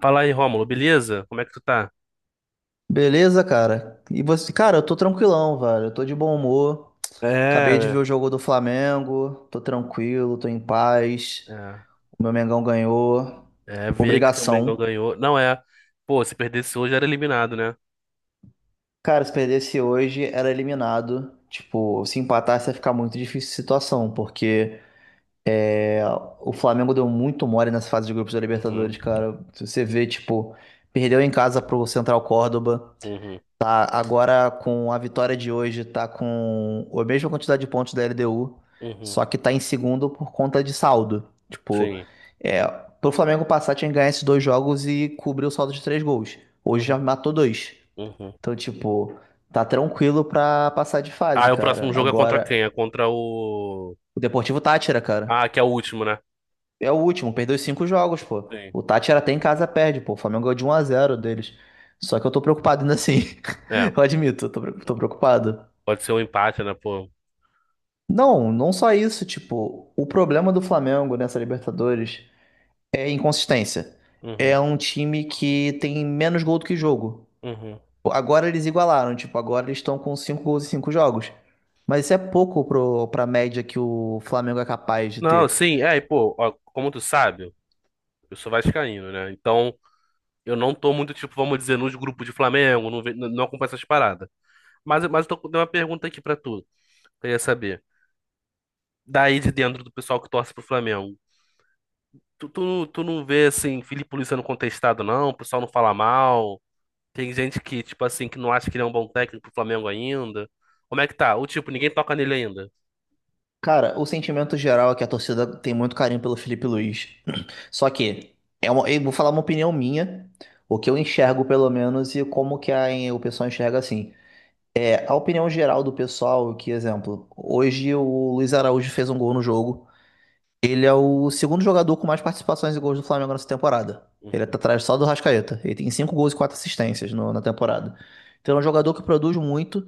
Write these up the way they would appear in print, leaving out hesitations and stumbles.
Fala aí, Rômulo, beleza? Como é que tu tá? Beleza, cara? E você, cara, eu tô tranquilão, velho. Eu tô de bom humor. Acabei de ver É, o jogo do Flamengo. Tô tranquilo, tô em paz. é. O meu Mengão ganhou. É ver aí que teu Mengão Obrigação. ganhou. Não é. Pô, se perdesse hoje era eliminado, né? Cara, se perdesse hoje, era eliminado. Tipo, se empatasse ia ficar muito difícil a situação, porque é, o Flamengo deu muito mole nessa fase de grupos da Uhum. Libertadores, cara. Se você vê, tipo, perdeu em casa pro Central Córdoba. Uhum. Tá, agora com a vitória de hoje, tá com a mesma quantidade de pontos da LDU, Uhum. só que tá em segundo por conta de saldo. Tipo, Sim. é, pro Flamengo passar tinha que ganhar esses dois jogos e cobrir o saldo de 3 gols. Hoje já Uhum. matou dois. Uhum. Então, tipo, tá tranquilo pra passar de Ah, fase, e o cara. próximo jogo é contra Agora, quem? É contra o. o Deportivo Tátira, Ah, cara, que é o último, né? é o último, perdeu 5 jogos, pô. Sim. O Tátira até em casa perde, pô. O Flamengo ganhou de 1 a 0 deles. Só que eu tô preocupado ainda assim. É. Eu admito, eu tô tô preocupado. Pode ser um empate, né, pô? Não, não só isso, tipo, o problema do Flamengo nessa Libertadores é inconsistência. Uhum. É um time que tem menos gol do que jogo. Uhum. Agora eles igualaram, tipo, agora eles estão com 5 gols em 5 jogos. Mas isso é pouco pra média que o Flamengo é capaz de Não, ter. sim, é, e pô, ó, como tu sabe, eu sou vascaíno, né? Então, eu não tô muito, tipo, vamos dizer, nos grupos de Flamengo, não, não acompanho essas paradas. Mas eu tô com uma pergunta aqui pra tu, que eu ia saber. Daí de dentro do pessoal que torce pro Flamengo, tu não vê, assim, Felipe Luiz sendo contestado, não? O pessoal não fala mal? Tem gente que, tipo assim, que não acha que ele é um bom técnico pro Flamengo ainda? Como é que tá? Ou, tipo, ninguém toca nele ainda? Cara, o sentimento geral é que a torcida tem muito carinho pelo Felipe Luiz. Só que, é uma, eu vou falar uma opinião minha, o que eu enxergo pelo menos e o pessoal enxerga assim. A opinião geral do pessoal, é que exemplo, hoje o Luiz Araújo fez um gol no jogo. Ele é o segundo jogador com mais participações e gols do Flamengo nessa temporada. Ele Uhum, tá atrás só do Rascaeta. Ele tem 5 gols e 4 assistências na temporada. Então é um jogador que produz muito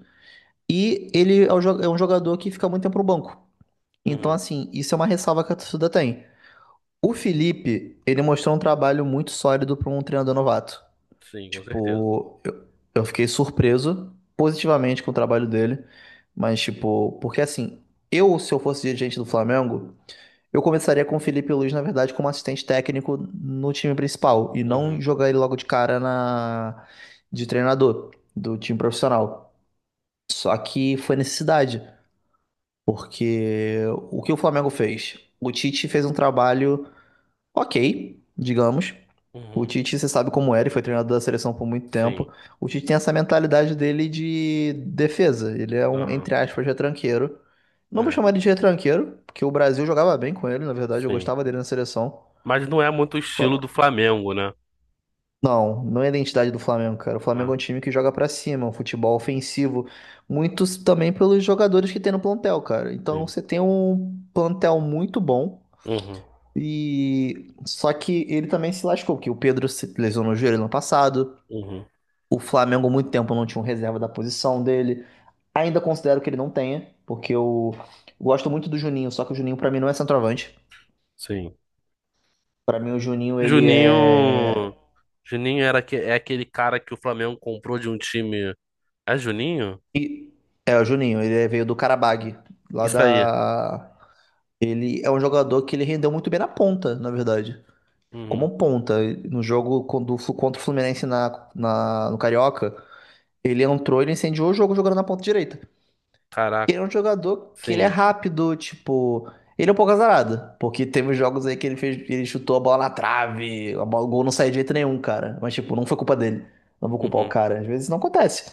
e ele é um é um jogador que fica muito tempo no banco. Então, uhum. assim, isso é uma ressalva que a torcida tem. O Felipe, ele mostrou um trabalho muito sólido para um treinador novato. Sim, com certeza. Tipo, eu fiquei surpreso positivamente com o trabalho dele, mas, tipo, porque assim, eu, se eu fosse dirigente do Flamengo, eu começaria com o Felipe Luiz, na verdade, como assistente técnico no time principal, e não Uhum, jogar ele logo de cara de treinador do time profissional. Só que foi necessidade, porque o que o Flamengo fez? O Tite fez um trabalho. Ok, digamos. O uhum. Tite, você sabe como era, e foi treinador da seleção por muito Sim, tempo. O Tite tem essa mentalidade dele de defesa. Ele é um, aham, entre aspas, retranqueiro. Não vou é, chamar ele de retranqueiro, porque o Brasil jogava bem com ele, na verdade, eu sim. gostava dele na seleção. Mas não é muito o estilo Só- do Flamengo, né? Não, não é a identidade do Flamengo, cara. O Flamengo é um time que joga pra cima, um futebol ofensivo, muito também pelos jogadores que tem no plantel, cara. Então Sim. você tem um plantel muito bom. Uhum. E só que ele também se lascou, que o Pedro se lesionou o joelho no passado. Uhum. O Flamengo, há muito tempo, não tinha um reserva da posição dele. Ainda considero que ele não tenha, porque eu gosto muito do Juninho, só que o Juninho, pra mim, não é centroavante. Sim. Pra mim, o Juninho, ele é. Juninho. É aquele cara que o Flamengo comprou de um time. É Juninho? É, o Juninho, ele veio do Karabag, lá Isso aí. da. Ele é um jogador que ele rendeu muito bem na ponta, na verdade. Como Uhum. um ponta. No jogo contra o Fluminense no Carioca. Ele entrou, ele incendiou o jogo jogando na ponta direita. Ele é Caraca. um jogador que ele é Sim. rápido, tipo. Ele é um pouco azarado, porque teve jogos aí que ele fez, ele chutou a bola na trave, a bola, o gol não saiu de jeito nenhum, cara. Mas, tipo, não foi culpa dele. Não vou culpar o Uhum. cara. Às vezes não acontece.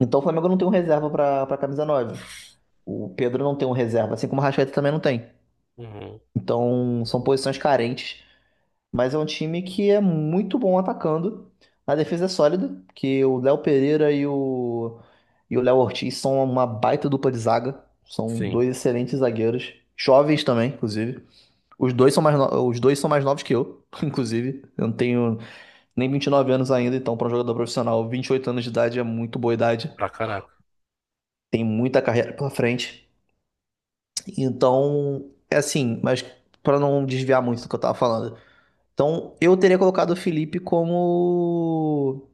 Então o Flamengo não tem um reserva pra camisa 9. O Pedro não tem um reserva, assim como o Rascaeta também não tem. Uhum. Então são posições carentes. Mas é um time que é muito bom atacando. A defesa é sólida, que o Léo Pereira e o Léo Ortiz são uma baita dupla de zaga. São Sim. dois excelentes zagueiros, jovens também, inclusive. Os dois são mais no- os dois são mais novos que eu, inclusive. Eu não tenho nem 29 anos ainda, então para um jogador profissional, 28 anos de idade é muito boa idade. Pra caraca. Tem muita carreira pela frente. Então, é assim, mas para não desviar muito do que eu tava falando, então, eu teria colocado o Felipe como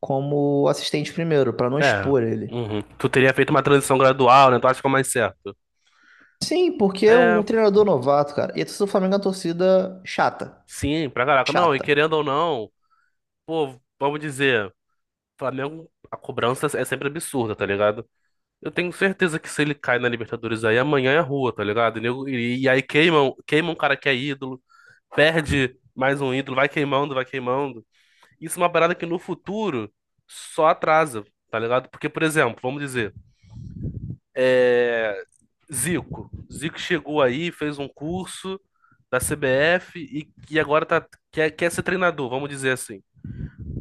como assistente primeiro, pra não É. expor ele. Uhum. Tu teria feito uma transição gradual, né? Tu acha que é o mais certo? Sim, porque é um É. treinador novato, cara. E a torcida do Flamengo é uma torcida chata, Sim, pra caraca. Não, e chata. querendo ou não, pô, vamos dizer, Flamengo, a cobrança é sempre absurda, tá ligado? Eu tenho certeza que se ele cai na Libertadores aí, amanhã é rua, tá ligado? E aí queimam, queimam um cara que é ídolo, perde mais um ídolo, vai queimando, vai queimando. Isso é uma parada que no futuro só atrasa, tá ligado? Porque, por exemplo, vamos dizer, é, Zico. Zico chegou aí, fez um curso da CBF e agora tá, quer ser treinador, vamos dizer assim.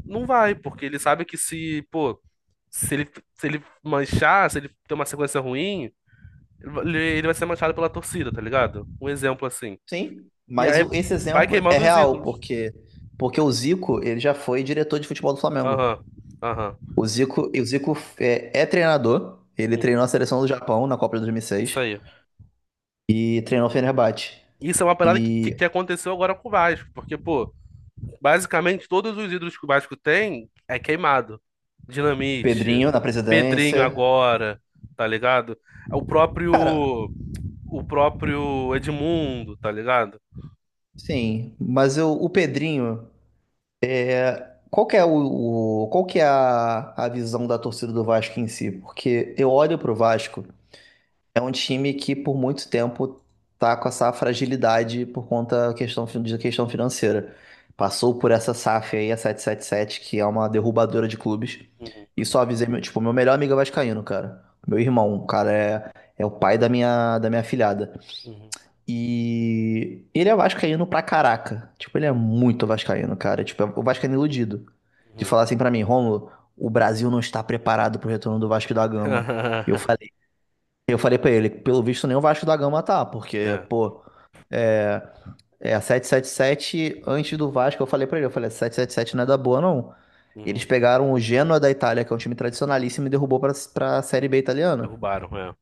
Não vai, porque ele sabe que se, pô, se ele, se ele manchar, se ele ter uma sequência ruim. Ele vai ser manchado pela torcida, tá ligado? Um exemplo assim. Sim, E mas aí esse vai exemplo é queimando os real, ídolos. porque o Zico, ele já foi diretor de futebol do Flamengo. Aham, aham, O Zico, e o Zico é treinador, ele uhum. treinou a seleção do Japão na Copa de Isso 2006 e aí. seis e treinou o Fenerbahçe. Isso é uma parada que, que, E que aconteceu agora com o Vasco, porque, pô, basicamente todos os ídolos que o Vasco tem é queimado. Dinamite, Pedrinho na Pedrinho presidência. agora, tá ligado? É o próprio Edmundo, tá ligado? Sim, mas eu, o Pedrinho, qual que é qual que é a visão da torcida do Vasco em si? Porque eu olho pro Vasco, é um time que por muito tempo tá com essa fragilidade por conta da questão, de questão financeira. Passou por essa SAF aí, a 777, que é uma derrubadora de clubes. Uhum, E só avisei, meu, tipo, meu melhor amigo é vascaíno, cara. Meu irmão, o cara, é o pai da minha afilhada. uhum, E ele é vascaíno pra caraca. Tipo, ele é muito vascaíno, cara. Tipo, é o vascaíno iludido. De uhum. falar assim pra mim, Rômulo, o Brasil não está preparado pro retorno do Vasco da Gama. E Eu falei, eu falei pra ele, pelo visto nem o Vasco da Gama tá, porque, É, pô, é, é a 777 antes do Vasco, eu falei pra ele, eu falei, 777 não é da boa, não. Eles uhum. pegaram o Genoa da Itália, que é um time tradicionalíssimo, e derrubou pra Série B italiana. Derrubaram, é.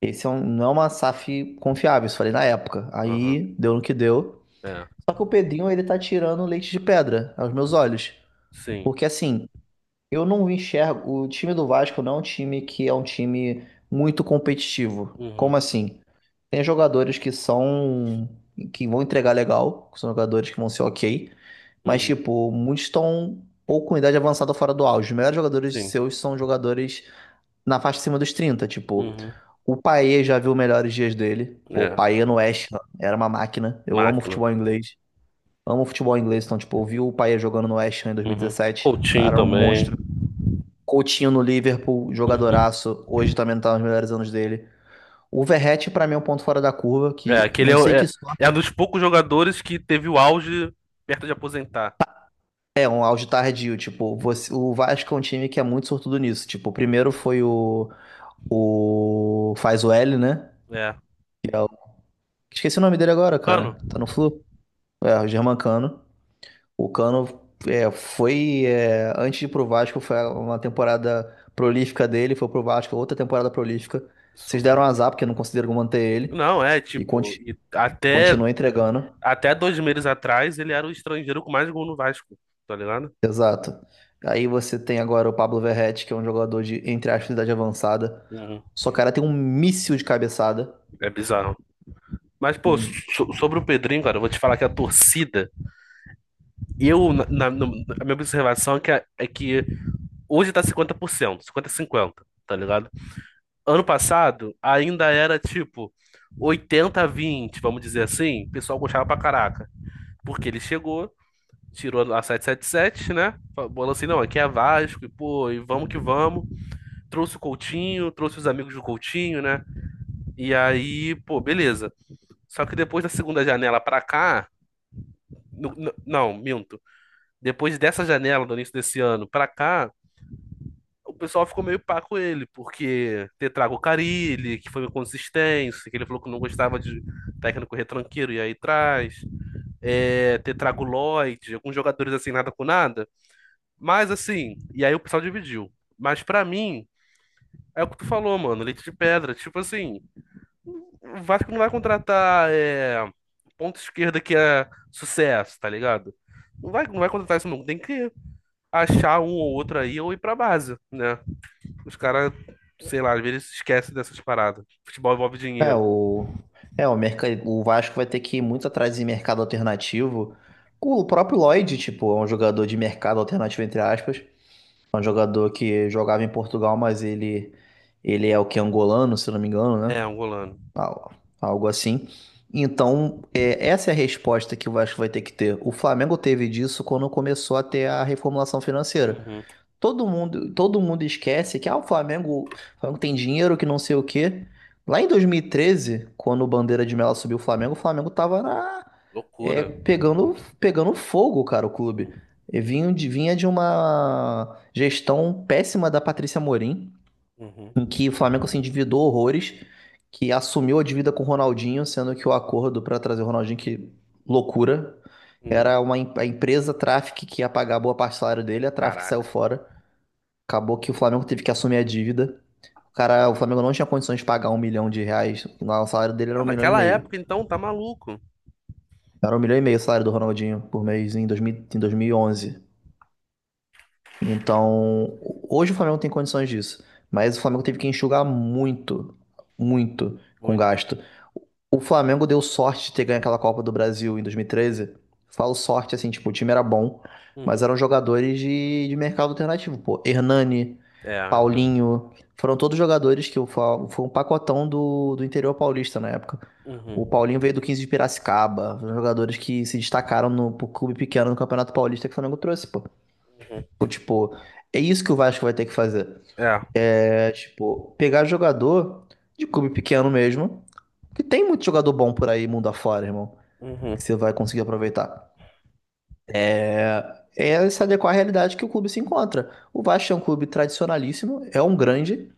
Esse é não é uma SAF confiável, isso eu falei na época. Aham, Aí deu no que deu. é. É. Só que o Pedrinho, ele tá tirando leite de pedra aos meus olhos. Sim. Porque assim, eu não enxergo. O time do Vasco não é um time que é um time muito competitivo. Como Uhum. assim? Tem jogadores que são, que vão entregar legal, que são jogadores que vão ser ok. Mas, Uhum. tipo, muitos estão ou com idade avançada ou fora do auge. Os melhores jogadores Sim. seus são jogadores na faixa acima dos 30. Tipo, Uhum. o Paê já viu melhores dias dele. Pô, o É. Paê no West Ham era uma máquina. Eu amo Máquina. futebol inglês. Amo futebol inglês, então, tipo, eu vi o Payet jogando no West Ham em Uhum. 2017. Coutinho Cara, um também. monstro. Coutinho no Liverpool, Uhum. jogadoraço. Hoje também não tá nos melhores anos dele. O Verratti, pra mim, é um ponto fora da curva, É, que aquele não é, sei que é é um sorte. dos poucos jogadores que teve o auge perto de aposentar. É, um auge tardio. Tipo, Uhum. O Vasco é um time que é muito sortudo nisso. Tipo, o primeiro foi o. O. Faz o L, né? É. Esqueci o nome dele agora, Cano. cara. Tá no Flu? É, o Germancano. O Cano foi antes de ir pro Vasco, foi uma temporada prolífica dele, foi pro Vasco, outra temporada prolífica. Vocês Absurdo. deram azar, porque não conseguiram manter ele Não, é, e tipo, e até, continua entregando. até 2 meses atrás ele era o estrangeiro com mais gol no Vasco, tá ligado? Exato. Aí você tem agora o Pablo Verretti, que é um jogador de, entre aspas, idade avançada. Uhum. Só cara tem um míssil de cabeçada. É bizarro. Mas, pô, Tipo, sobre o Pedrinho, cara, eu vou te falar que a torcida, eu, na, na, no- a minha observação é é que hoje tá 50%, 50 cinquenta, a cinquenta, tá ligado? Ano passado ainda era tipo 80 vinte, vamos dizer assim. O pessoal gostava pra caraca. Porque ele chegou, tirou a 777, né? Falou assim: não, aqui é Vasco, e pô, e vamos que vamos. Trouxe o Coutinho, trouxe os amigos do Coutinho, né? E aí, pô, beleza. Só que depois da segunda janela pra cá. Não, minto. Depois dessa janela, do início desse ano pra cá, o pessoal ficou meio pá com ele, porque ter trago o Carille, que foi uma consistência, que ele falou que não gostava de técnico retranqueiro, e aí traz. É, ter trago o Lloyd, alguns jogadores assim, nada com nada. Mas assim, e aí o pessoal dividiu. Mas pra mim, é o que tu falou, mano, leite de pedra. Tipo assim, o Vasco não vai contratar é, ponta esquerda que é sucesso, tá ligado? Não vai, não vai contratar isso, não. Tem que achar um ou outro aí ou ir pra base, né? Os caras, sei lá, às vezes se esquecem dessas paradas. Futebol envolve é, dinheiro. o. É, o Vasco vai ter que ir muito atrás de mercado alternativo. O próprio Lloyd, tipo, é um jogador de mercado alternativo, entre aspas. É um jogador que jogava em Portugal, mas ele é o que? Angolano, se não me engano, né? É, angolano. Al- Algo assim. Então, é, essa é a resposta que o Vasco vai ter que ter. O Flamengo teve disso quando começou a ter a reformulação financeira. Uhum. Todo mundo esquece que ah, o Flamengo tem dinheiro que não sei o quê. Lá em 2013, quando o Bandeira de Melo subiu o Flamengo tava na, Loucura. Pegando fogo, cara, o clube. E vinha de uma gestão péssima da Patrícia Amorim, Uhum. em que o Flamengo se endividou horrores, que assumiu a dívida com o Ronaldinho, sendo que o acordo para trazer o Ronaldinho, que loucura, Uhum. era a empresa Traffic que ia pagar boa parte do salário dele, a Traffic saiu Caraca. fora. Acabou que o Flamengo teve que assumir a dívida. O cara, o Flamengo não tinha condições de pagar 1 milhão de reais, lá o salário dele era Mas um milhão e naquela meio. época, então, tá maluco. Era um milhão e meio o salário do Ronaldinho por mês dois mil em dois mil e onze. Então, hoje o Flamengo tem condições disso. Mas o Flamengo teve que enxugar muito, muito com Muito. gasto. O Flamengo deu sorte de ter ganho aquela Copa do Brasil em 2013. Falo sorte, assim, tipo, o time era bom, mas Uhum. eram jogadores de mercado alternativo, pô. Hernani, É. é. Paulinho, foram todos jogadores que foi um pacotão do interior paulista na época. O Uhum. Paulinho veio do 15 de Piracicaba, foram jogadores que se destacaram no pro clube pequeno no Campeonato Paulista que o Flamengo trouxe, pô. Uhum. Então, tipo, é isso que o Vasco vai ter que fazer. É. É, tipo, pegar jogador de clube pequeno mesmo, porque tem muito jogador bom por aí, mundo afora, irmão, Uhum. que você vai conseguir aproveitar. É, é se adequar à realidade que o clube se encontra. O Vasco é um clube tradicionalíssimo, é um grande,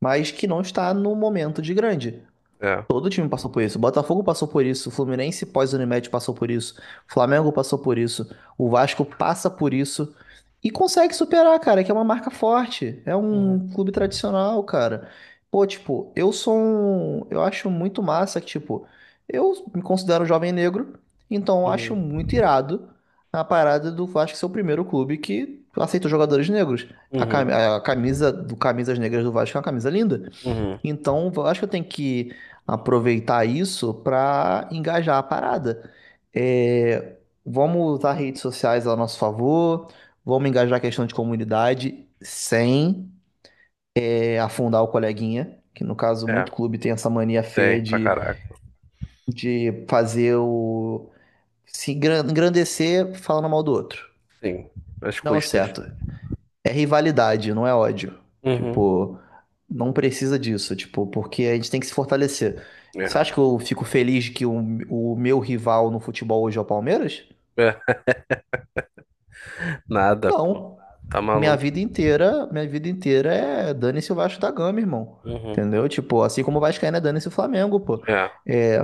mas que não está no momento de grande. É. Todo time passou por isso. O Botafogo passou por isso. O Fluminense pós-Unimed passou por isso. O Flamengo passou por isso. O Vasco passa por isso. E consegue superar, cara, que é uma marca forte. É Uhum. um clube tradicional, cara. Pô, tipo, eu sou um. Eu acho muito massa que, tipo, eu me considero um jovem negro. Então eu acho Uhum. muito irado a parada do Vasco ser o primeiro clube que aceita jogadores negros. Uhum. A camisa do Camisas Negras do Vasco é uma camisa linda. Uhum. Então, eu acho que eu tenho que aproveitar isso para engajar a parada. É, vamos usar redes sociais a nosso favor, vamos engajar a questão de comunidade sem, afundar o coleguinha, que no caso muito É. clube tem essa mania feia Tem, pra caraca. de fazer o... se engran- engrandecer falando mal do outro. Sim. As Não, é custas. certo. É rivalidade, não é ódio. Uhum. Tipo, não precisa disso, tipo, porque a gente tem que se fortalecer. Você É. acha que eu fico feliz que o meu rival no futebol hoje é o Palmeiras? É. Nada, pô. Não. Tá maluco. Minha vida inteira é dane-se o Vasco da Gama, irmão. Uhum. Entendeu? Tipo, assim como o Vascaíno é dane-se o Flamengo, pô. É. É,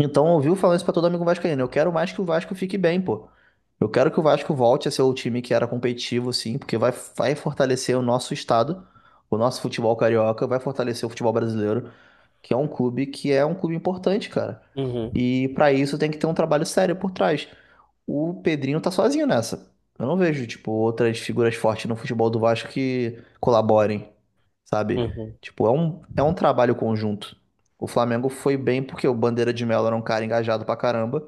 então, eu ouviu falando isso pra todo amigo vascaíno. Eu quero mais que o Vasco fique bem, pô. Eu quero que o Vasco volte a ser o time que era competitivo, sim, porque vai fortalecer o nosso estado, o nosso futebol carioca, vai fortalecer o futebol brasileiro, que é um clube, que é um clube importante, cara. Uhum. E pra isso tem que ter um trabalho sério por trás. O Pedrinho tá sozinho nessa. Eu não vejo, tipo, outras figuras fortes no futebol do Vasco que colaborem, sabe? Uhum. Tipo, é um trabalho conjunto. O Flamengo foi bem porque o Bandeira de Melo era um cara engajado pra caramba.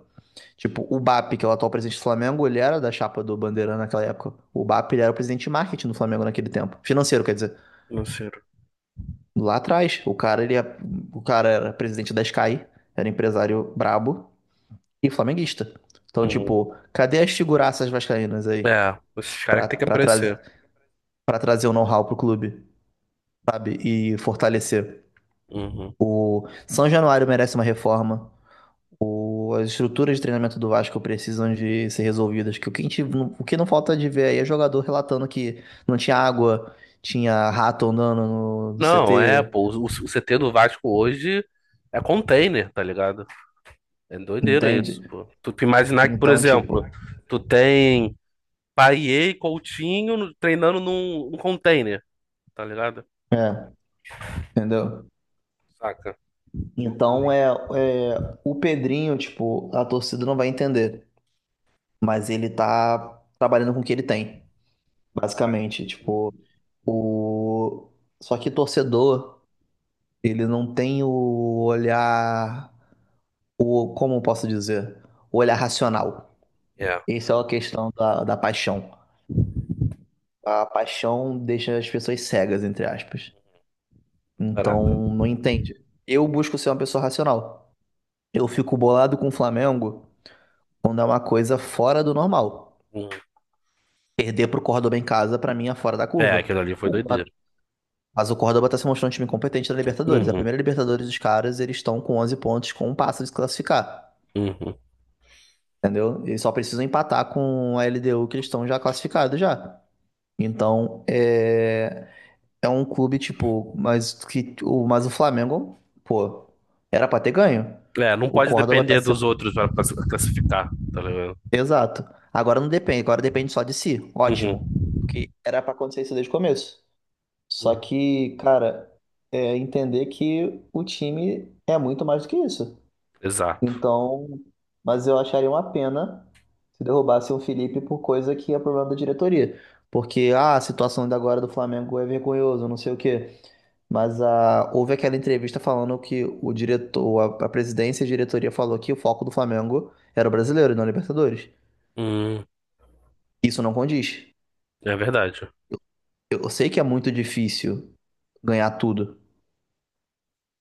Tipo, o BAP, que é o atual presidente do Flamengo, ele era da chapa do Bandeira naquela época. O BAP, ele era o presidente de marketing do Flamengo naquele tempo. Financeiro, quer dizer. Não sei. Lá atrás, o cara, ele, o cara era presidente da Sky, era empresário brabo e flamenguista. Então, Uhum. tipo, cadê as figuraças vascaínas aí? É, esses caras que tem que para aparecer. trazer Para trazer o know-how pro clube, sabe? E fortalecer. Uhum. O São Januário merece uma reforma. As estruturas de treinamento do Vasco precisam de ser resolvidas. Que o que, o que não falta de ver aí é jogador relatando que não tinha água, tinha rato andando no Não, é, CT, pô, o CT do Vasco hoje é container, tá ligado? É doideira isso, entende? pô. Tu te imaginar que, por Então, tipo, exemplo, tu tem Paier, e Coutinho treinando num container, tá ligado? é, entendeu? Saca? Loucura. Então é o Pedrinho, tipo, a torcida não vai entender, mas ele tá trabalhando com o que ele tem, Vai. basicamente, Uhum. tipo, o... Só que torcedor, ele não tem o olhar, o, como eu posso dizer, o olhar racional. É, Essa é a questão da paixão. A paixão deixa as pessoas cegas, entre aspas. barato. Então, não entende. Eu busco ser uma pessoa racional. Eu fico bolado com o Flamengo quando é uma coisa fora do normal. Uhum. Perder pro Córdoba em casa, pra mim, é fora da É, curva. aquilo ali foi O doideira. Mas o Córdoba tá se mostrando um time competente na Libertadores. A Uhum. primeira Libertadores dos caras, eles estão com 11 pontos, com um passo de se classificar. Uhum. Entendeu? Eles só precisam empatar com a LDU, que eles estão já classificados já. Então, é... É um clube, tipo... Mas, que... mas o Flamengo, pô, era pra ter ganho. É, não O pode Córdoba tá... depender se- dos outros pra classificar, tá ligado? Exato. Agora não depende. Agora depende só de si. Uhum. Ótimo. Porque era pra acontecer isso desde o começo. Só Uhum. que, cara, é entender que o time é muito mais do que isso. Exato. Então, mas eu acharia uma pena se derrubasse o Felipe por coisa que é problema da diretoria. Porque, ah, a situação da agora do Flamengo é vergonhosa, não sei o quê. Mas ah, houve aquela entrevista falando que o diretor, a presidência e a diretoria falou que o foco do Flamengo era o brasileiro e não a Libertadores. Uhum. Isso não condiz. É verdade. Eu sei que é muito difícil ganhar tudo.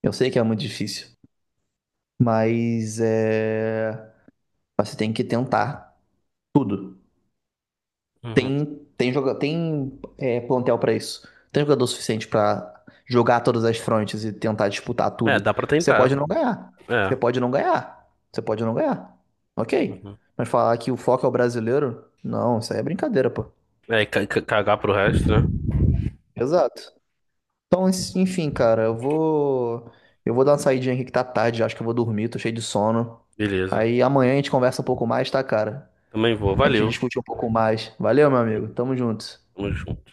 Eu sei que é muito difícil. Mas é. Você tem que tentar tudo. Uhum. Tem, tem plantel pra isso. Tem jogador suficiente pra jogar todas as frontes e tentar disputar É, tudo. dá pra Você tentar. pode não ganhar. Você É. pode não ganhar. Você pode não ganhar. Ok. Uhum. Mas falar que o foco é o brasileiro? Não, isso aí é brincadeira, pô. É, e cagar pro resto, né? Exato. Então, enfim, cara, eu vou. Eu vou dar uma saidinha aqui que tá tarde, acho que eu vou dormir, tô cheio de sono. Beleza. Aí amanhã a gente conversa um pouco mais, tá, cara? Também vou. A gente Valeu. discute um pouco mais. Valeu, meu amigo. Tamo junto. Tamo junto.